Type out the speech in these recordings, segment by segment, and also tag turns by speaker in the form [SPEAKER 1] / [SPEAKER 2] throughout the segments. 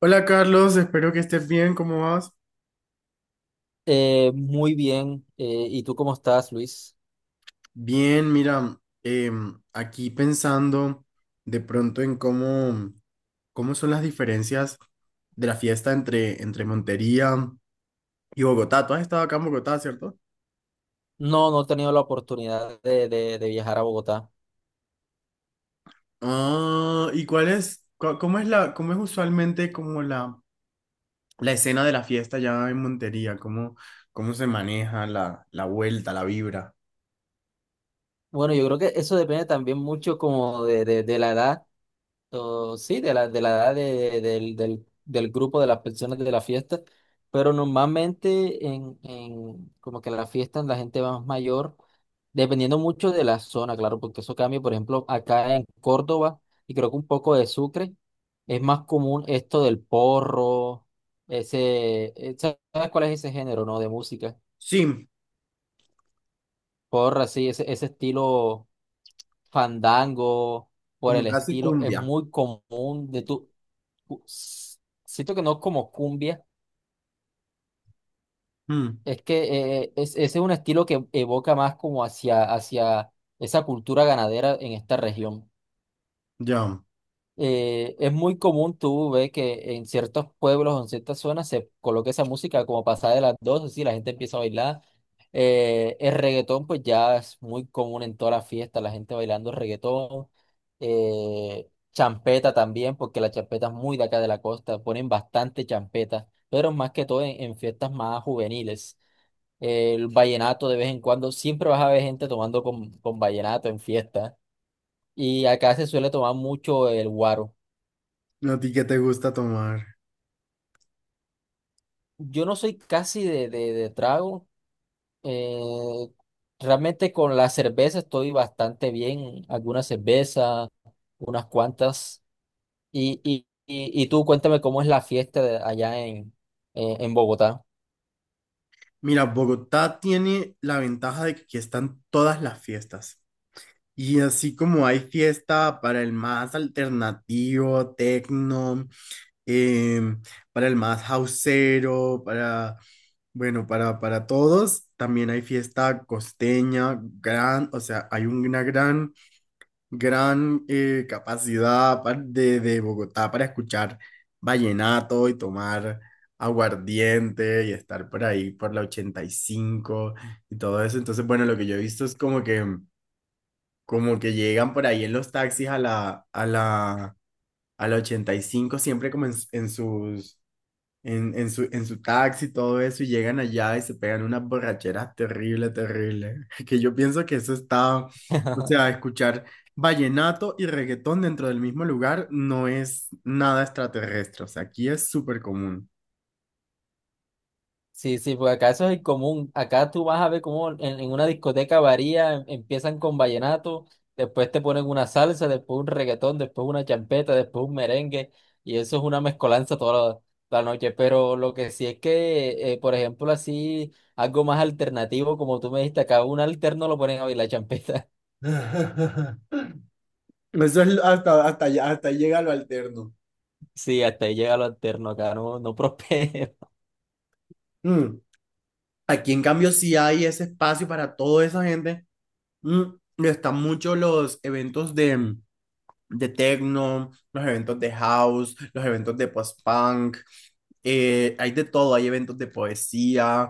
[SPEAKER 1] Hola Carlos, espero que estés bien, ¿cómo vas?
[SPEAKER 2] Muy bien. ¿Y tú cómo estás, Luis?
[SPEAKER 1] Bien, mira, aquí pensando de pronto en cómo son las diferencias de la fiesta entre Montería y Bogotá. Tú has estado acá en Bogotá, ¿cierto?
[SPEAKER 2] No, no he tenido la oportunidad de viajar a Bogotá.
[SPEAKER 1] Ah, ¿y cuál es, cómo es cómo es usualmente como la escena de la fiesta ya en Montería? Cómo se maneja la vuelta, la vibra?
[SPEAKER 2] Bueno, yo creo que eso depende también mucho como de la edad. O, sí, de la edad del grupo de las personas de la fiesta, pero normalmente en como que en las fiestas la gente va más mayor, dependiendo mucho de la zona, claro, porque eso cambia, por ejemplo, acá en Córdoba, y creo que un poco de Sucre, es más común esto del porro, ese, ¿sabes cuál es ese género, no? De música.
[SPEAKER 1] Sí,
[SPEAKER 2] Porra, sí, ese estilo fandango, por
[SPEAKER 1] como
[SPEAKER 2] el
[SPEAKER 1] casi
[SPEAKER 2] estilo, es
[SPEAKER 1] cumbia.
[SPEAKER 2] muy común de tú. cu- s- Siento que no como cumbia,
[SPEAKER 1] Mm,
[SPEAKER 2] es que es, ese es un estilo que evoca más como hacia, hacia esa cultura ganadera en esta región.
[SPEAKER 1] ya,
[SPEAKER 2] Es muy común tú ver que en ciertos pueblos o en ciertas zonas se coloca esa música como pasada de las 12, sí, la gente empieza a bailar. El reggaetón pues ya es muy común en todas las fiestas, la gente bailando reggaetón. Champeta también, porque la champeta es muy de acá de la costa, ponen bastante champeta, pero más que todo en fiestas más juveniles. El vallenato de vez en cuando, siempre vas a ver gente tomando con vallenato en fiesta. Y acá se suele tomar mucho el guaro.
[SPEAKER 1] ¿a ti qué te gusta tomar?
[SPEAKER 2] Yo no soy casi de trago. eh, Realmente con la cerveza estoy bastante bien. Algunas cervezas, unas cuantas. Y tú cuéntame cómo es la fiesta de allá en Bogotá.
[SPEAKER 1] Mira, Bogotá tiene la ventaja de que aquí están todas las fiestas. Y así como hay fiesta para el más alternativo, tecno, em, para el más houseero, bueno, para todos, también hay fiesta costeña, o sea, hay una gran capacidad de Bogotá para escuchar vallenato y tomar aguardiente y estar por ahí por la 85 y cinco y todo eso. Entonces, bueno, lo que yo he visto es como como que llegan por ahí en los taxis a la 85 siempre como en sus en su taxi, todo eso, y llegan allá y se pegan unas borracheras terrible, terrible. Que yo pienso que eso está, o sea, escuchar vallenato y reggaetón dentro del mismo lugar no es nada extraterrestre, o sea, aquí es súper común.
[SPEAKER 2] Sí, sí, pues acá eso es el común. Acá tú vas a ver cómo en una discoteca varía, empiezan con vallenato, después te ponen una salsa, después un reggaetón, después una champeta, después un merengue, y eso es una mezcolanza toda la, la noche. Pero lo que sí es que, por ejemplo, así, algo más alternativo, como tú me dijiste, acá un alterno lo ponen a bailar champeta.
[SPEAKER 1] Eso es hasta ahí llega lo alterno.
[SPEAKER 2] Sí, hasta ahí llega lo alterno, acá no, no prospera.
[SPEAKER 1] Mm. Aquí, en cambio, sí hay ese espacio para toda esa gente. Mm. Y están muchos los eventos de techno, los eventos de house, los eventos de post-punk, hay de todo, hay eventos de poesía,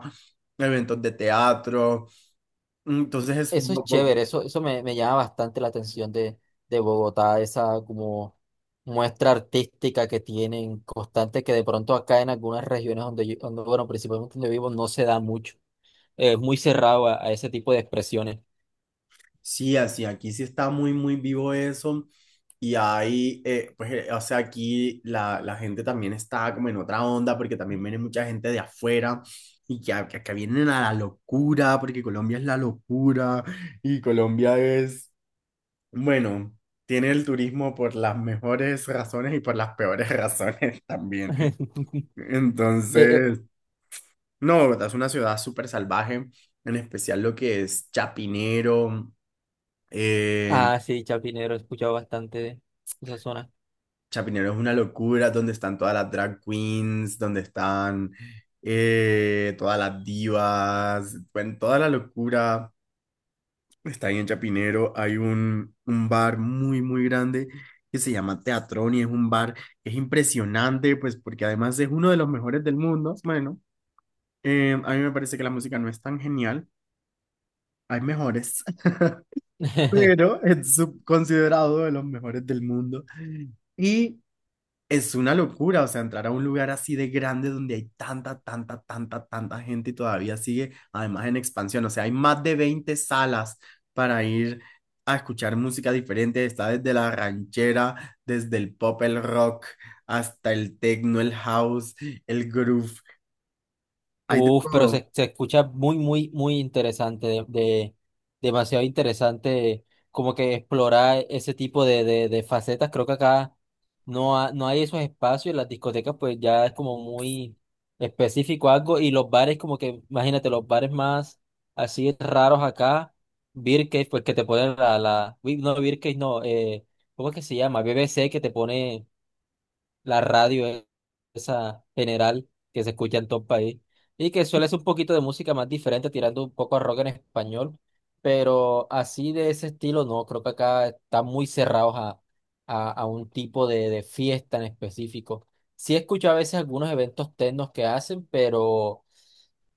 [SPEAKER 1] eventos de teatro, entonces es,
[SPEAKER 2] Eso
[SPEAKER 1] un
[SPEAKER 2] es
[SPEAKER 1] poco.
[SPEAKER 2] chévere, eso me, me llama bastante la atención de Bogotá, esa como muestra artística que tienen constante, que de pronto acá en algunas regiones donde yo, donde, bueno, principalmente donde vivo, no se da mucho. Es muy cerrado a ese tipo de expresiones.
[SPEAKER 1] Sí, así, aquí sí está muy, muy vivo eso. Y ahí, o sea, aquí la gente también está como en otra onda, porque también viene mucha gente de afuera y que vienen a la locura, porque Colombia es la locura y Colombia es bueno, tiene el turismo por las mejores razones y por las peores razones también.
[SPEAKER 2] Eh, eh,
[SPEAKER 1] Entonces, no, es una ciudad súper salvaje, en especial lo que es Chapinero. eh,
[SPEAKER 2] ah, sí, Chapinero, he escuchado bastante de esa zona.
[SPEAKER 1] Chapinero es una locura, donde están todas las drag queens, donde están todas las divas, bueno, toda la locura. Está ahí en Chapinero, hay un bar muy, muy grande que se llama Teatrón y es un bar que es impresionante, pues porque además es uno de los mejores del mundo. Bueno, a mí me parece que la música no es tan genial, hay mejores, pero es considerado de los mejores del mundo. Y es una locura, o sea, entrar a un lugar así de grande donde hay tanta, tanta, tanta, tanta gente y todavía sigue, además en expansión, o sea, hay más de 20 salas para ir a escuchar música diferente, está desde la ranchera, desde el pop, el rock, hasta el techno, el house, el groove, hay de
[SPEAKER 2] Uf, pero
[SPEAKER 1] todo.
[SPEAKER 2] se escucha muy, muy, muy interesante, demasiado interesante como que explorar ese tipo de facetas. Creo que acá no, no hay esos espacios, las discotecas pues ya es como muy específico algo y los bares como que, imagínate, los bares más así raros acá, beer cave, pues que te ponen la, la, uy, no, beer cave, no, ¿cómo es que se llama? BBC, que te pone la radio esa general que se escucha en todo el país y que suele ser un poquito de música más diferente, tirando un poco a rock en español, pero así de ese estilo no, creo que acá están muy cerrados a un tipo de fiesta en específico. Sí escucho a veces algunos eventos tecnos que hacen, pero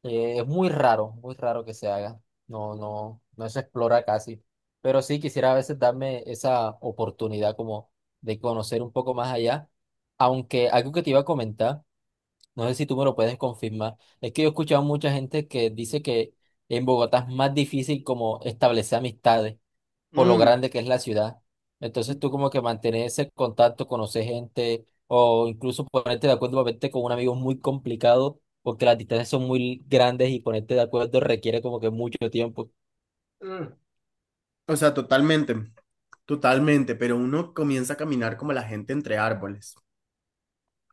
[SPEAKER 2] es muy raro que se haga. No, no, no se explora casi. Pero sí quisiera a veces darme esa oportunidad como de conocer un poco más allá. Aunque algo que te iba a comentar, no sé si tú me lo puedes confirmar, es que yo he escuchado mucha gente que dice que en Bogotá es más difícil como establecer amistades por lo
[SPEAKER 1] Mm,
[SPEAKER 2] grande que es la ciudad. Entonces tú como que mantener ese contacto, conocer gente o incluso ponerte de acuerdo para verte con un amigo es muy complicado porque las distancias son muy grandes y ponerte de acuerdo requiere como que mucho tiempo.
[SPEAKER 1] mm. O sea, totalmente, totalmente, pero uno comienza a caminar como la gente entre árboles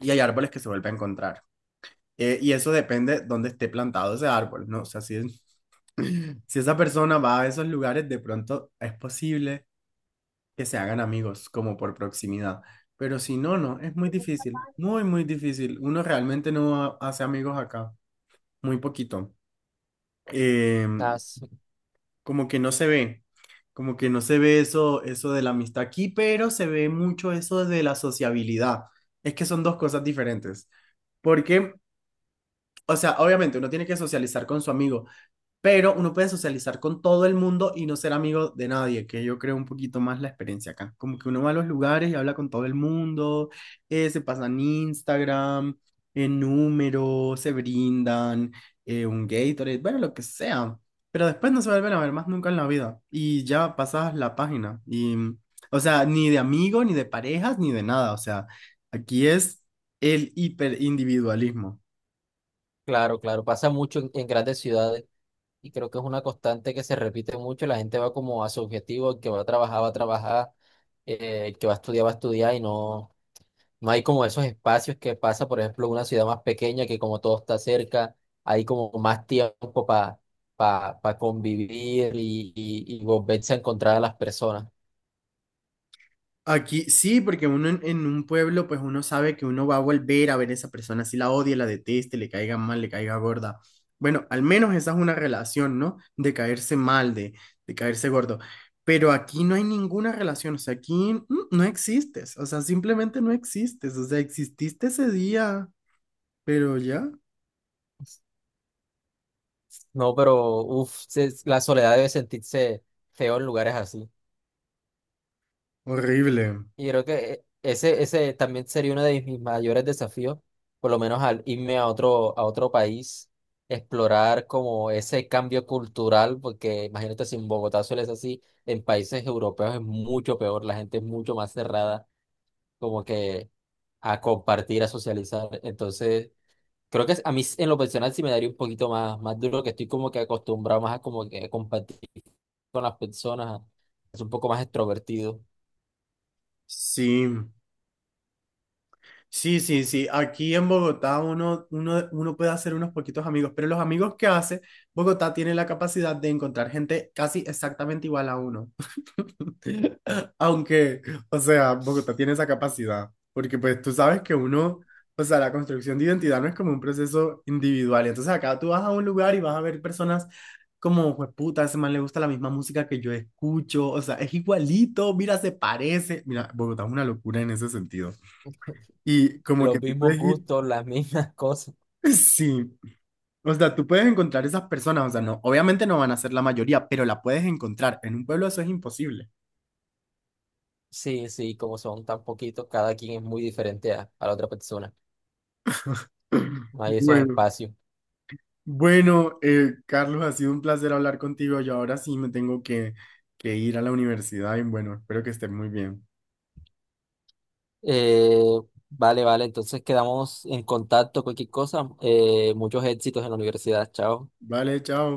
[SPEAKER 1] y hay árboles que se vuelve a encontrar. Y eso depende dónde esté plantado ese árbol, ¿no? O sea, si, es- si esa persona va a esos lugares, de pronto es posible que se hagan amigos, como por proximidad. Pero si no, no, es muy difícil, muy, muy difícil. Uno realmente no ha- hace amigos acá, muy poquito. Eh,
[SPEAKER 2] Ah, sí,
[SPEAKER 1] como que no se ve, como que no se ve eso, eso de la amistad aquí, pero se ve mucho eso de la sociabilidad. Es que son dos cosas diferentes. Porque, o sea, obviamente uno tiene que socializar con su amigo, pero uno puede socializar con todo el mundo y no ser amigo de nadie, que yo creo un poquito más la experiencia acá. Como que uno va a los lugares y habla con todo el mundo, se pasan Instagram, en números, se brindan, un Gatorade, bueno, lo que sea. Pero después no se vuelven a ver más nunca en la vida y ya pasas la página. Y, mm, o sea, ni de amigo, ni de parejas, ni de nada. O sea, aquí es el hiperindividualismo.
[SPEAKER 2] claro, claro, pasa mucho en grandes ciudades y creo que es una constante que se repite mucho. La gente va como a su objetivo, el que va a trabajar, el que va a estudiar y no. No hay como esos espacios que pasa, por ejemplo, una ciudad más pequeña que como todo está cerca, hay como más tiempo para convivir y volverse a encontrar a las personas.
[SPEAKER 1] Aquí sí, porque uno en un pueblo, pues uno sabe que uno va a volver a ver a esa persona, si la odia, la deteste, le caiga mal, le caiga gorda. Bueno, al menos esa es una relación, ¿no? De caerse mal, de caerse gordo. Pero aquí no hay ninguna relación, o sea, aquí mm, no existes, o sea, simplemente no existes, o sea, exististe ese día, pero ya,
[SPEAKER 2] No, pero uff, la soledad debe sentirse feo en lugares así.
[SPEAKER 1] horrible.
[SPEAKER 2] Y yo creo que ese, ese también sería uno de mis mayores desafíos, por lo menos al irme a otro país, explorar como ese cambio cultural, porque imagínate si en Bogotá suele ser así, en países europeos es mucho peor, la gente es mucho más cerrada, como que a compartir, a socializar. Entonces, creo que a mí en lo personal sí me daría un poquito más, más duro, que estoy como que acostumbrado más a como que compartir con las personas, es un poco más extrovertido.
[SPEAKER 1] Sí. Sí, sí, sí. Aquí en Bogotá uno puede hacer unos poquitos amigos, pero los amigos que hace, Bogotá tiene la capacidad de encontrar gente casi exactamente igual a uno. Aunque, o sea, Bogotá tiene esa capacidad, porque pues tú sabes que uno, o sea, la construcción de identidad no es como un proceso individual. Entonces acá tú vas a un lugar y vas a ver personas como, pues puta, a ese man le gusta la misma música que yo escucho, o sea, es igualito, mira, se parece. Mira, Bogotá es una locura en ese sentido. Y como que
[SPEAKER 2] Los
[SPEAKER 1] tú
[SPEAKER 2] mismos
[SPEAKER 1] puedes ir,
[SPEAKER 2] gustos, las mismas cosas.
[SPEAKER 1] sí, o sea, tú puedes encontrar esas personas, o sea, no, obviamente no van a ser la mayoría, pero la puedes encontrar. En un pueblo eso es imposible.
[SPEAKER 2] Sí, sí, como son tan poquitos, cada quien es muy diferente a la otra persona. No hay esos
[SPEAKER 1] Bueno,
[SPEAKER 2] espacios.
[SPEAKER 1] bueno, Carlos, ha sido un placer hablar contigo. Yo ahora sí me tengo que ir a la universidad y bueno, espero que estés muy bien.
[SPEAKER 2] Eh, vale, vale, entonces quedamos en contacto, cualquier cosa. Muchos éxitos en la universidad. Chao.
[SPEAKER 1] Vale, chao.